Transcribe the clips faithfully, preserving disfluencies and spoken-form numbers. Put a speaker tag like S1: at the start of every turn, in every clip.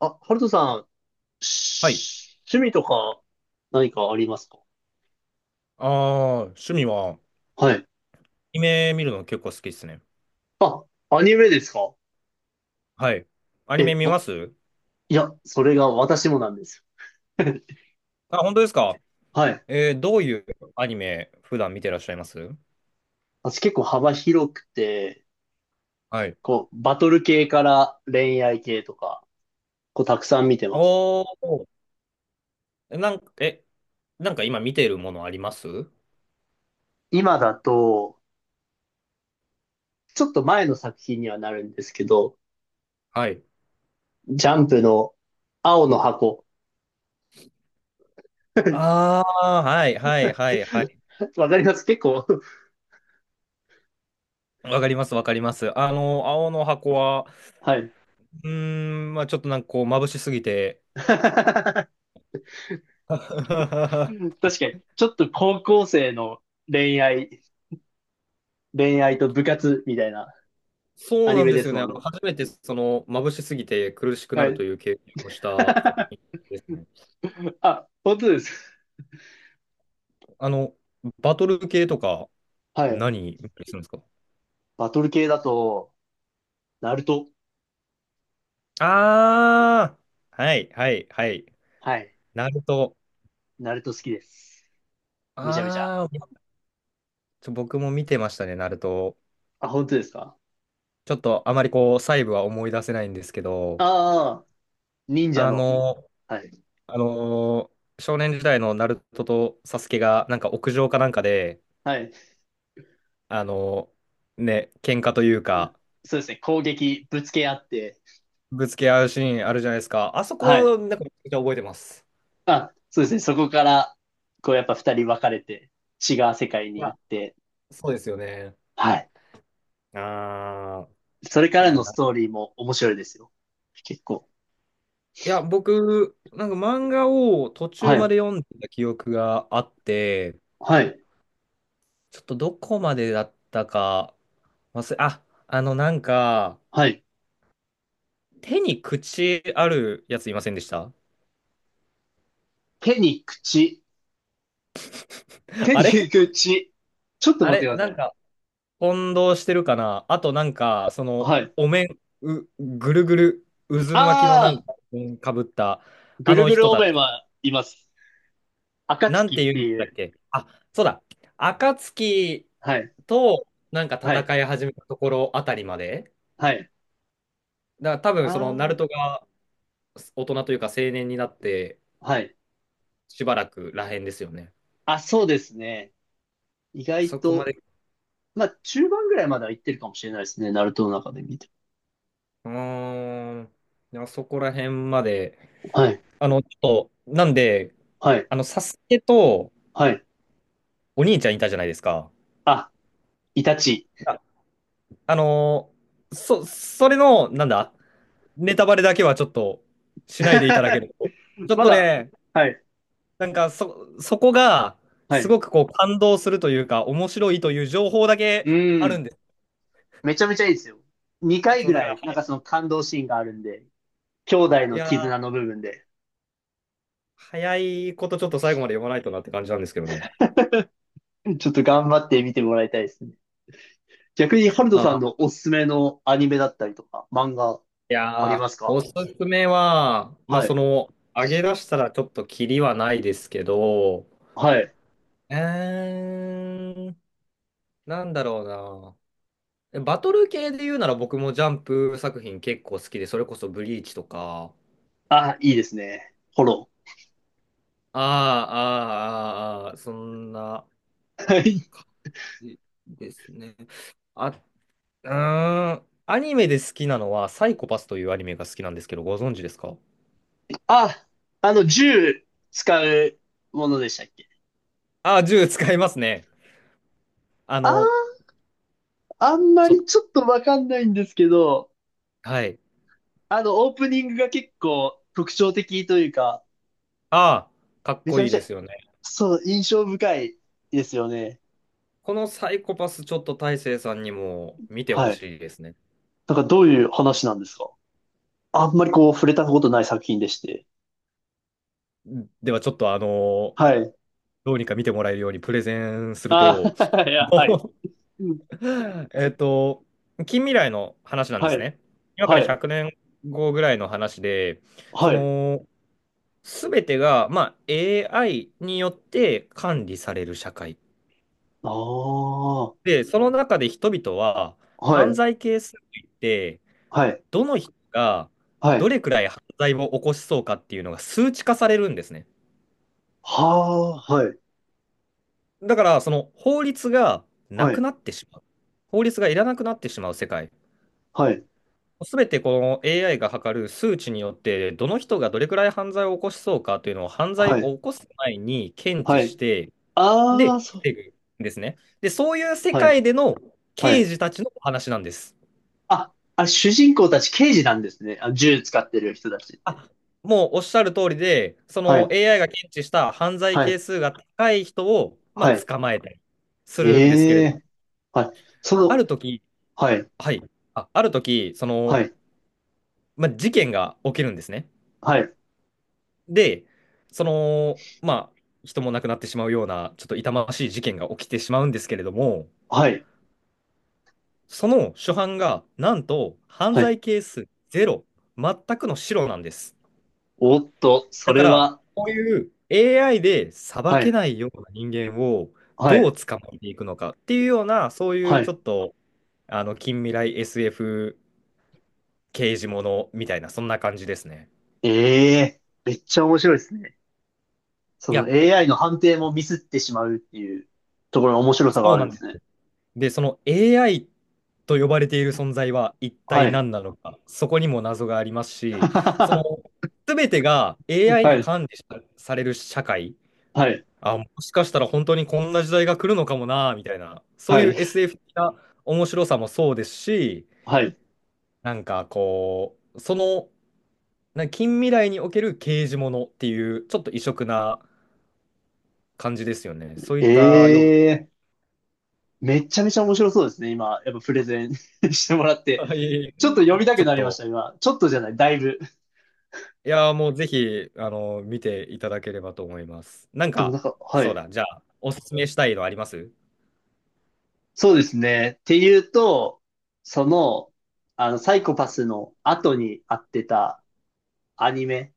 S1: あ、ハルトさん、
S2: はい。
S1: し趣味とか何かありますか？
S2: ああ、趣味は、ア
S1: はい。
S2: ニメ見るの結構好きですね。
S1: あ、アニメですか？
S2: はい。アニメ
S1: え、
S2: 見
S1: わ、
S2: ます。
S1: いや、それが私もなんですよ。
S2: あ、本当ですか？
S1: はい。
S2: えーどういうアニメ普段見てらっしゃいます？
S1: 私結構幅広くて、
S2: はい。
S1: こう、バトル系から恋愛系とか、こう、たくさん見てます。
S2: おー、なんか、え、なんか今見てるものあります？
S1: 今だと、ちょっと前の作品にはなるんですけど、
S2: はい。
S1: ジャンプの青の箱。
S2: ああ、はいはいはいはい。
S1: わかります結構。
S2: わかりますわかります。あの、青の箱は、
S1: はい。
S2: うーん、まあちょっとなんかこう、眩しすぎて、
S1: 確かに、ちょっと高校生の恋愛、恋愛と部活みたいなア
S2: そう
S1: ニ
S2: なん
S1: メ
S2: で
S1: で
S2: す
S1: す
S2: よね。
S1: も
S2: あ
S1: ん
S2: の、
S1: ね。
S2: 初めてその眩しすぎて苦しくな
S1: は
S2: ると
S1: い。
S2: いう経験をした作品 ですね。
S1: あ、本当です。
S2: あの、バトル系とか
S1: はい。
S2: 何見たりするんですか？
S1: バトル系だと、ナルト。
S2: ああー、はいはいはい。
S1: はい。
S2: ナルト。
S1: ナルト好きです。めちゃめちゃ。
S2: ああ、ちょ僕も見てましたね、ナルト。
S1: あ、本当ですか？
S2: ちょっとあまりこう、細部は思い出せないんですけど、
S1: ああ、忍者
S2: あ
S1: の。
S2: の、
S1: はい。
S2: あの少年時代のナルトとサスケがなんか屋上かなんかで、
S1: はい。
S2: あの、ね、喧嘩というか、
S1: そうですね。攻撃、ぶつけ合って。
S2: ぶつけ合うシーンあるじゃないですか。あそ
S1: はい。
S2: こ、なんかめちゃくちゃ覚えてます。
S1: あ、そうですね。そこから、こうやっぱ二人分かれて、違う世界
S2: い
S1: に
S2: や、
S1: 行って。
S2: そうですよね。
S1: はい。
S2: ああ、
S1: それか
S2: い
S1: ら
S2: や、
S1: の
S2: な、
S1: ストーリーも面白いですよ。結構。
S2: いや、僕、なんか漫画を途
S1: は
S2: 中ま
S1: い。
S2: で読んでた記憶があって、
S1: はい。
S2: ちょっとどこまでだったか忘れ、あ、あの、なんか、
S1: はい。
S2: 手に口あるやついませんでした？
S1: 手に口。手
S2: あ
S1: に
S2: れ
S1: 口。ちょっと
S2: あ
S1: 待ってく
S2: れ
S1: ださ
S2: な
S1: い
S2: ん
S1: ね。
S2: か、混同してるかなあと、なんか、その、
S1: はい。
S2: お面、う、ぐるぐる、渦巻きのなん
S1: ああ、
S2: かかぶった、
S1: ぐ
S2: あ
S1: る
S2: の
S1: ぐる
S2: 人
S1: お
S2: た
S1: め
S2: ち
S1: はいます。
S2: なん
S1: 暁
S2: て
S1: っ
S2: 言
S1: て
S2: うんでし
S1: い
S2: たっ
S1: う。
S2: け？あ、そうだ。暁
S1: はい。
S2: となんか
S1: はい。
S2: 戦い始めたところあたりまで。
S1: はい。
S2: だから多分そのナル
S1: あ
S2: トが大人というか青年になって
S1: あ、はい。
S2: しばらくらへんですよね。
S1: あ、そうですね。意外
S2: そこま
S1: と、
S2: で。
S1: まあ、中盤ぐらいまでは行ってるかもしれないですね。ナルトの中で見て
S2: うーん。でもそこら辺まで。
S1: も。はい。
S2: あの、ちょっと、なんで、
S1: はい。
S2: あの、サスケと
S1: はい。
S2: お兄ちゃんいたじゃないですか。
S1: あ、イタチ。
S2: あ、あのーそ、それの、なんだ、ネタバレだけはちょっとしないでいただけ ると。ちょっ
S1: ま
S2: と
S1: だ。
S2: ね、
S1: はい。
S2: なんかそ、そこが
S1: は
S2: す
S1: い。
S2: ごくこう感動するというか、面白いという情報だけ
S1: う
S2: ある
S1: ん。
S2: んです。
S1: めちゃめちゃいいですよ。にかい
S2: そ
S1: ぐ
S2: う、だか
S1: ら
S2: ら、
S1: い、なんかその感動シーンがあるんで、兄弟
S2: い
S1: の
S2: やー、
S1: 絆の部分で、
S2: 早いことちょっと最後まで読まないとなって感じなんですけどね。
S1: ちょっと頑張って見てもらいたいですね。逆に、ハルトさんの
S2: あ、
S1: おすすめのアニメだったりとか、漫画
S2: い
S1: あり
S2: やー、
S1: ますか？
S2: おすすめは、まあ
S1: は
S2: そ
S1: い。
S2: の、上げ出したらちょっとキリはないですけど、
S1: はい。
S2: えーん、なんだろうな。バトル系で言うなら僕もジャンプ作品結構好きで、それこそブリーチとか、
S1: あ、いいですね。フォロ
S2: ああ、ああ、あーあー、そんな。
S1: ー。はい。
S2: ですね。あ、うーん。アニメで好きなのは、サイコパスというアニメが好きなんですけど、ご存知ですか？
S1: あ、あの、銃使うものでしたっけ？
S2: あ、銃使いますね。あ
S1: あー、
S2: の、
S1: あんま
S2: ちょっ
S1: り
S2: と、
S1: ちょっとわかんないんですけど、
S2: はい。
S1: あの、オープニングが結構特徴的というか、
S2: ああ、かっ
S1: めち
S2: こ
S1: ゃ
S2: い
S1: め
S2: い
S1: ちゃ、
S2: ですよね。
S1: そう、印象深いですよね。
S2: このサイコパス、ちょっと大成さんにも見てほ
S1: はい。
S2: しいですね。
S1: なんかどういう話なんですか？あんまりこう触れたことない作品でして。
S2: では、ちょっと、あの、
S1: はい。
S2: どうにか見てもらえるようにプレゼンする
S1: ああ、
S2: と、
S1: いや、はい。
S2: もう、
S1: うん。
S2: えっと、近未来の話なんで
S1: は
S2: す
S1: い。
S2: ね。今か
S1: は
S2: ら100
S1: い。
S2: 年後ぐらいの話で、そ
S1: はい。
S2: の、すべてが、まあ、エーアイ によって管理される社会。
S1: ああ。は
S2: で、その中で人々は犯
S1: い。
S2: 罪係数といって、
S1: はい。
S2: どの人が
S1: は
S2: ど
S1: い。
S2: れくらい犯罪を起こしそうかっていうのが数値化されるんですね。
S1: はあ。はい。
S2: だから、その法律がな
S1: は
S2: く
S1: い。
S2: なってしまう。法律がいらなくなってしまう世界。
S1: はい。
S2: すべてこの エーアイ が測る数値によって、どの人がどれくらい犯罪を起こしそうかというのを犯罪
S1: はい。
S2: を起こす前に検
S1: は
S2: 知し
S1: い。
S2: て、
S1: あ
S2: で、
S1: あ、そう。
S2: 防ぐんですね。で、そういう世
S1: はい。
S2: 界での
S1: は
S2: 刑
S1: い。
S2: 事たちのお話なんです。
S1: あ、あ、主人公たち刑事なんですね。あ、銃使ってる人たちって。
S2: あ、もうおっしゃる通りで、そ
S1: は
S2: の
S1: い。
S2: エーアイ が検知した犯罪
S1: は
S2: 係
S1: い。
S2: 数が高い人を、まあ、
S1: はい。
S2: 捕まえたりするんですけれ
S1: え
S2: ど
S1: え。
S2: も、
S1: はい。そ
S2: あ
S1: の、
S2: る時、
S1: はい。
S2: はい、あ、ある時、その、
S1: はい。
S2: まあ、事件が起きるんですね。
S1: はい。
S2: で、その、まあ、人も亡くなってしまうような、ちょっと痛ましい事件が起きてしまうんですけれども、
S1: はい。
S2: その初犯が、なんと、犯
S1: はい。
S2: 罪係数ゼロ、全くの白なんです。
S1: おっと、そ
S2: だか
S1: れ
S2: ら、
S1: は、
S2: こういう エーアイ で裁
S1: は
S2: け
S1: い、
S2: ないような人間を
S1: は
S2: どう
S1: い、
S2: 捕まえていくのかっていうような、そういう
S1: は
S2: ちょ
S1: い。
S2: っと、あの、近未来 エスエフ 刑事ものみたいな、そんな感じですね。
S1: ええ、めっちゃ面白いですね。そ
S2: い
S1: の
S2: や、
S1: エーアイ の判定もミスってしまうっていうところの面白さが
S2: そ
S1: あ
S2: う
S1: る
S2: な
S1: ん
S2: ん
S1: で
S2: で
S1: す
S2: す。
S1: ね。
S2: で、その エーアイ と呼ばれている存在は一
S1: は
S2: 体
S1: い。
S2: 何なのか、そこにも謎があります し、そ
S1: は
S2: の、全てが エーアイ に
S1: い、
S2: 管理さされる社会、
S1: はい、
S2: あ、もしかしたら本当にこんな時代が来るのかもな、みたいな、そう
S1: は
S2: い
S1: い、
S2: う エスエフ 的な面白さもそうですし、
S1: はい。
S2: なんかこう、その、な近未来における刑事ものっていう、ちょっと異色な感じですよね。そういったよ
S1: え
S2: う
S1: え、めっちゃめちゃ面白そうですね。今、やっぱプレゼン してもらっ
S2: な、
S1: て。
S2: はい、
S1: ちょっと読み た
S2: ち
S1: く
S2: ょっ
S1: なりまし
S2: と、
S1: た、今。ちょっとじゃない、だいぶ。
S2: いやー、もうぜひ、あの、見ていただければと思います。なん
S1: でもな
S2: か、
S1: んか、は
S2: そう
S1: い。
S2: だ、じゃあ、おすすめしたいのあります？
S1: そうですね。っていうと、その、あの、サイコパスの後にあってたアニメ、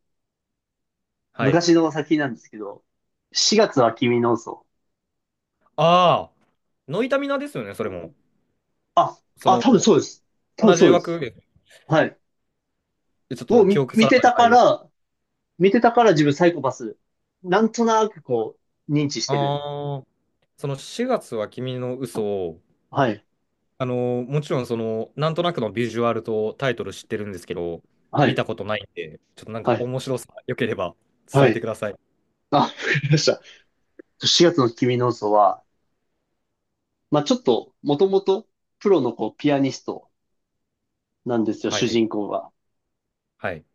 S2: はい。
S1: 昔の先なんですけど、しがつは君の嘘。
S2: ああ、ノイタミナですよね、それも。
S1: あ、
S2: そ
S1: あ、
S2: の、
S1: 多分そうです。多分
S2: 同じ
S1: そうで
S2: 枠
S1: す。
S2: で、
S1: はい。
S2: ちょっ
S1: を
S2: と記
S1: み
S2: 憶
S1: 見
S2: 定
S1: て
S2: かじゃ
S1: た
S2: な
S1: か
S2: いです。
S1: ら、見てたから自分サイコパス、なんとなくこう、認知してる。
S2: ああ、そのしがつは君の嘘を、
S1: はい。
S2: あの、もちろんその、なんとなくのビジュアルとタイトル知ってるんですけど、
S1: は
S2: 見た
S1: い。
S2: ことないんで、ちょっとなん
S1: は
S2: か
S1: い。
S2: 面白さ、良ければ
S1: は
S2: 伝えて
S1: い。
S2: ください。
S1: あ、わかりました。しがつの君の嘘は、まあちょっと、もともと、プロのこう、ピアニストなんですよ、
S2: は
S1: 主
S2: い、
S1: 人公が。
S2: はい、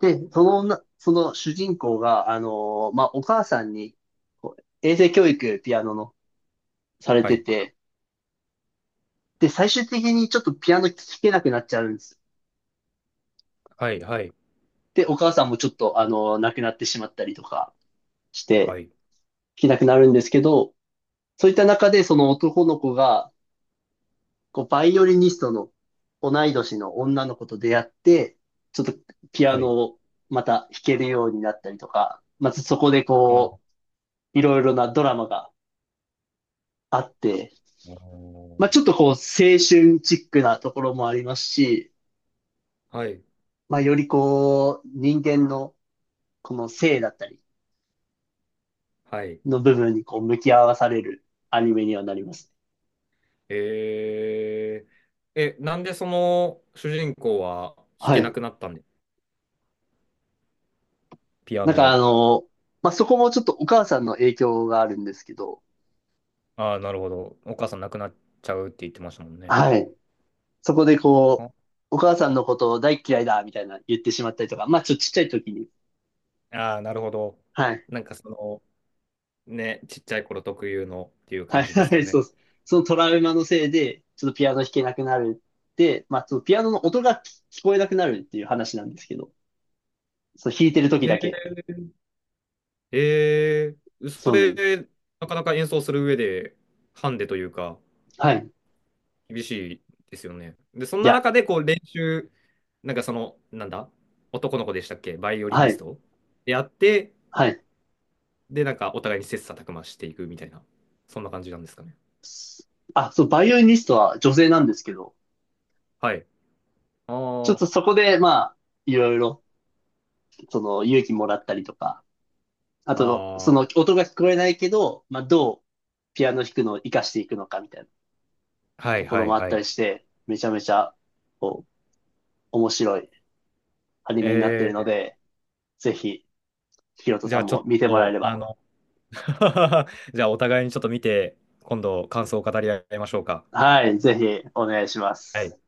S1: で、その女、その主人公が、あのーまあお母さんに、こう衛生教育、ピアノの、され
S2: は
S1: て
S2: い、
S1: て、で、最終的にちょっとピアノ聴けなくなっちゃうんです。
S2: はい、はい、
S1: で、お母さんもちょっと、あの、亡くなってしまったりとかして、
S2: はい、
S1: 弾けなくなるんですけど、そういった中でその男の子が、こう、バイオリニストの同い年の女の子と出会って、ちょっとピア
S2: はい。
S1: ノをまた弾けるようになったりとか、まずそこでこ
S2: あ
S1: う、いろいろなドラマがあって、
S2: ー
S1: まあちょっとこう、青春チックなところもありますし、
S2: はい、
S1: まあよりこう、人間のこの性だったり、
S2: はい。
S1: の部分にこう向き合わされるアニメにはなります。
S2: えー、え、なんでその主人公は弾
S1: は
S2: けな
S1: い。
S2: くなったんで、ピア
S1: なん
S2: ノ
S1: かあ
S2: を。
S1: の、まあ、そこもちょっとお母さんの影響があるんですけど、
S2: ああ、なるほど。お母さん亡くなっちゃうって言ってましたもんね。
S1: はい。そこでこう、お母さんのことを大っ嫌いだみたいな言ってしまったりとか、まあちょっとちっちゃい時に、
S2: ああ、なるほど。
S1: はい。
S2: なんかその、ね、ちっちゃい頃特有のっていう
S1: はい、
S2: 感じです
S1: は
S2: か
S1: い、
S2: ね。
S1: そうです。そのトラウマのせいで、ちょっとピアノ弾けなくなるって、まあそのピアノの音が聞聞こえなくなるっていう話なんですけど、そう弾いてる時
S2: へえ、
S1: だけ。
S2: ええ、そ
S1: そうなんです。
S2: れ、なかなか演奏する上で、ハンデというか、
S1: はい。
S2: 厳しいですよね。で、そん
S1: い
S2: な
S1: や、
S2: 中で、こう、練習、なんかその、なんだ、男の子でしたっけ、バイオリ
S1: は
S2: ニス
S1: い、
S2: トでやって、
S1: はい。
S2: で、なんかお互いに切磋琢磨していくみたいな、そんな感じなんですかね。
S1: あ、そう、バイオリニストは女性なんですけど、
S2: はい。
S1: ちょっ
S2: あ
S1: とそこで、まあ、いろいろ、その、勇気もらったりとか、あ
S2: あ、
S1: と、
S2: あ
S1: その、
S2: あ、
S1: 音が聞こえないけど、まあ、どう、ピアノ弾くのを活かしていくのかみたいな
S2: は
S1: と
S2: い
S1: こ
S2: は
S1: ろ
S2: い
S1: もあっ
S2: は
S1: た
S2: い。
S1: りして、めちゃめちゃ、こう、面白いアニメになっているの
S2: え
S1: で、ぜひ、ひろと
S2: ー、じ
S1: さ
S2: ゃあ
S1: ん
S2: ちょっ
S1: も見てもらえ
S2: と、
S1: れ
S2: あ
S1: ば、
S2: の、じゃあ、お互いにちょっと見て、今度感想を語り合いましょうか。
S1: はい、ぜひ、お願いしま
S2: は
S1: す。
S2: い。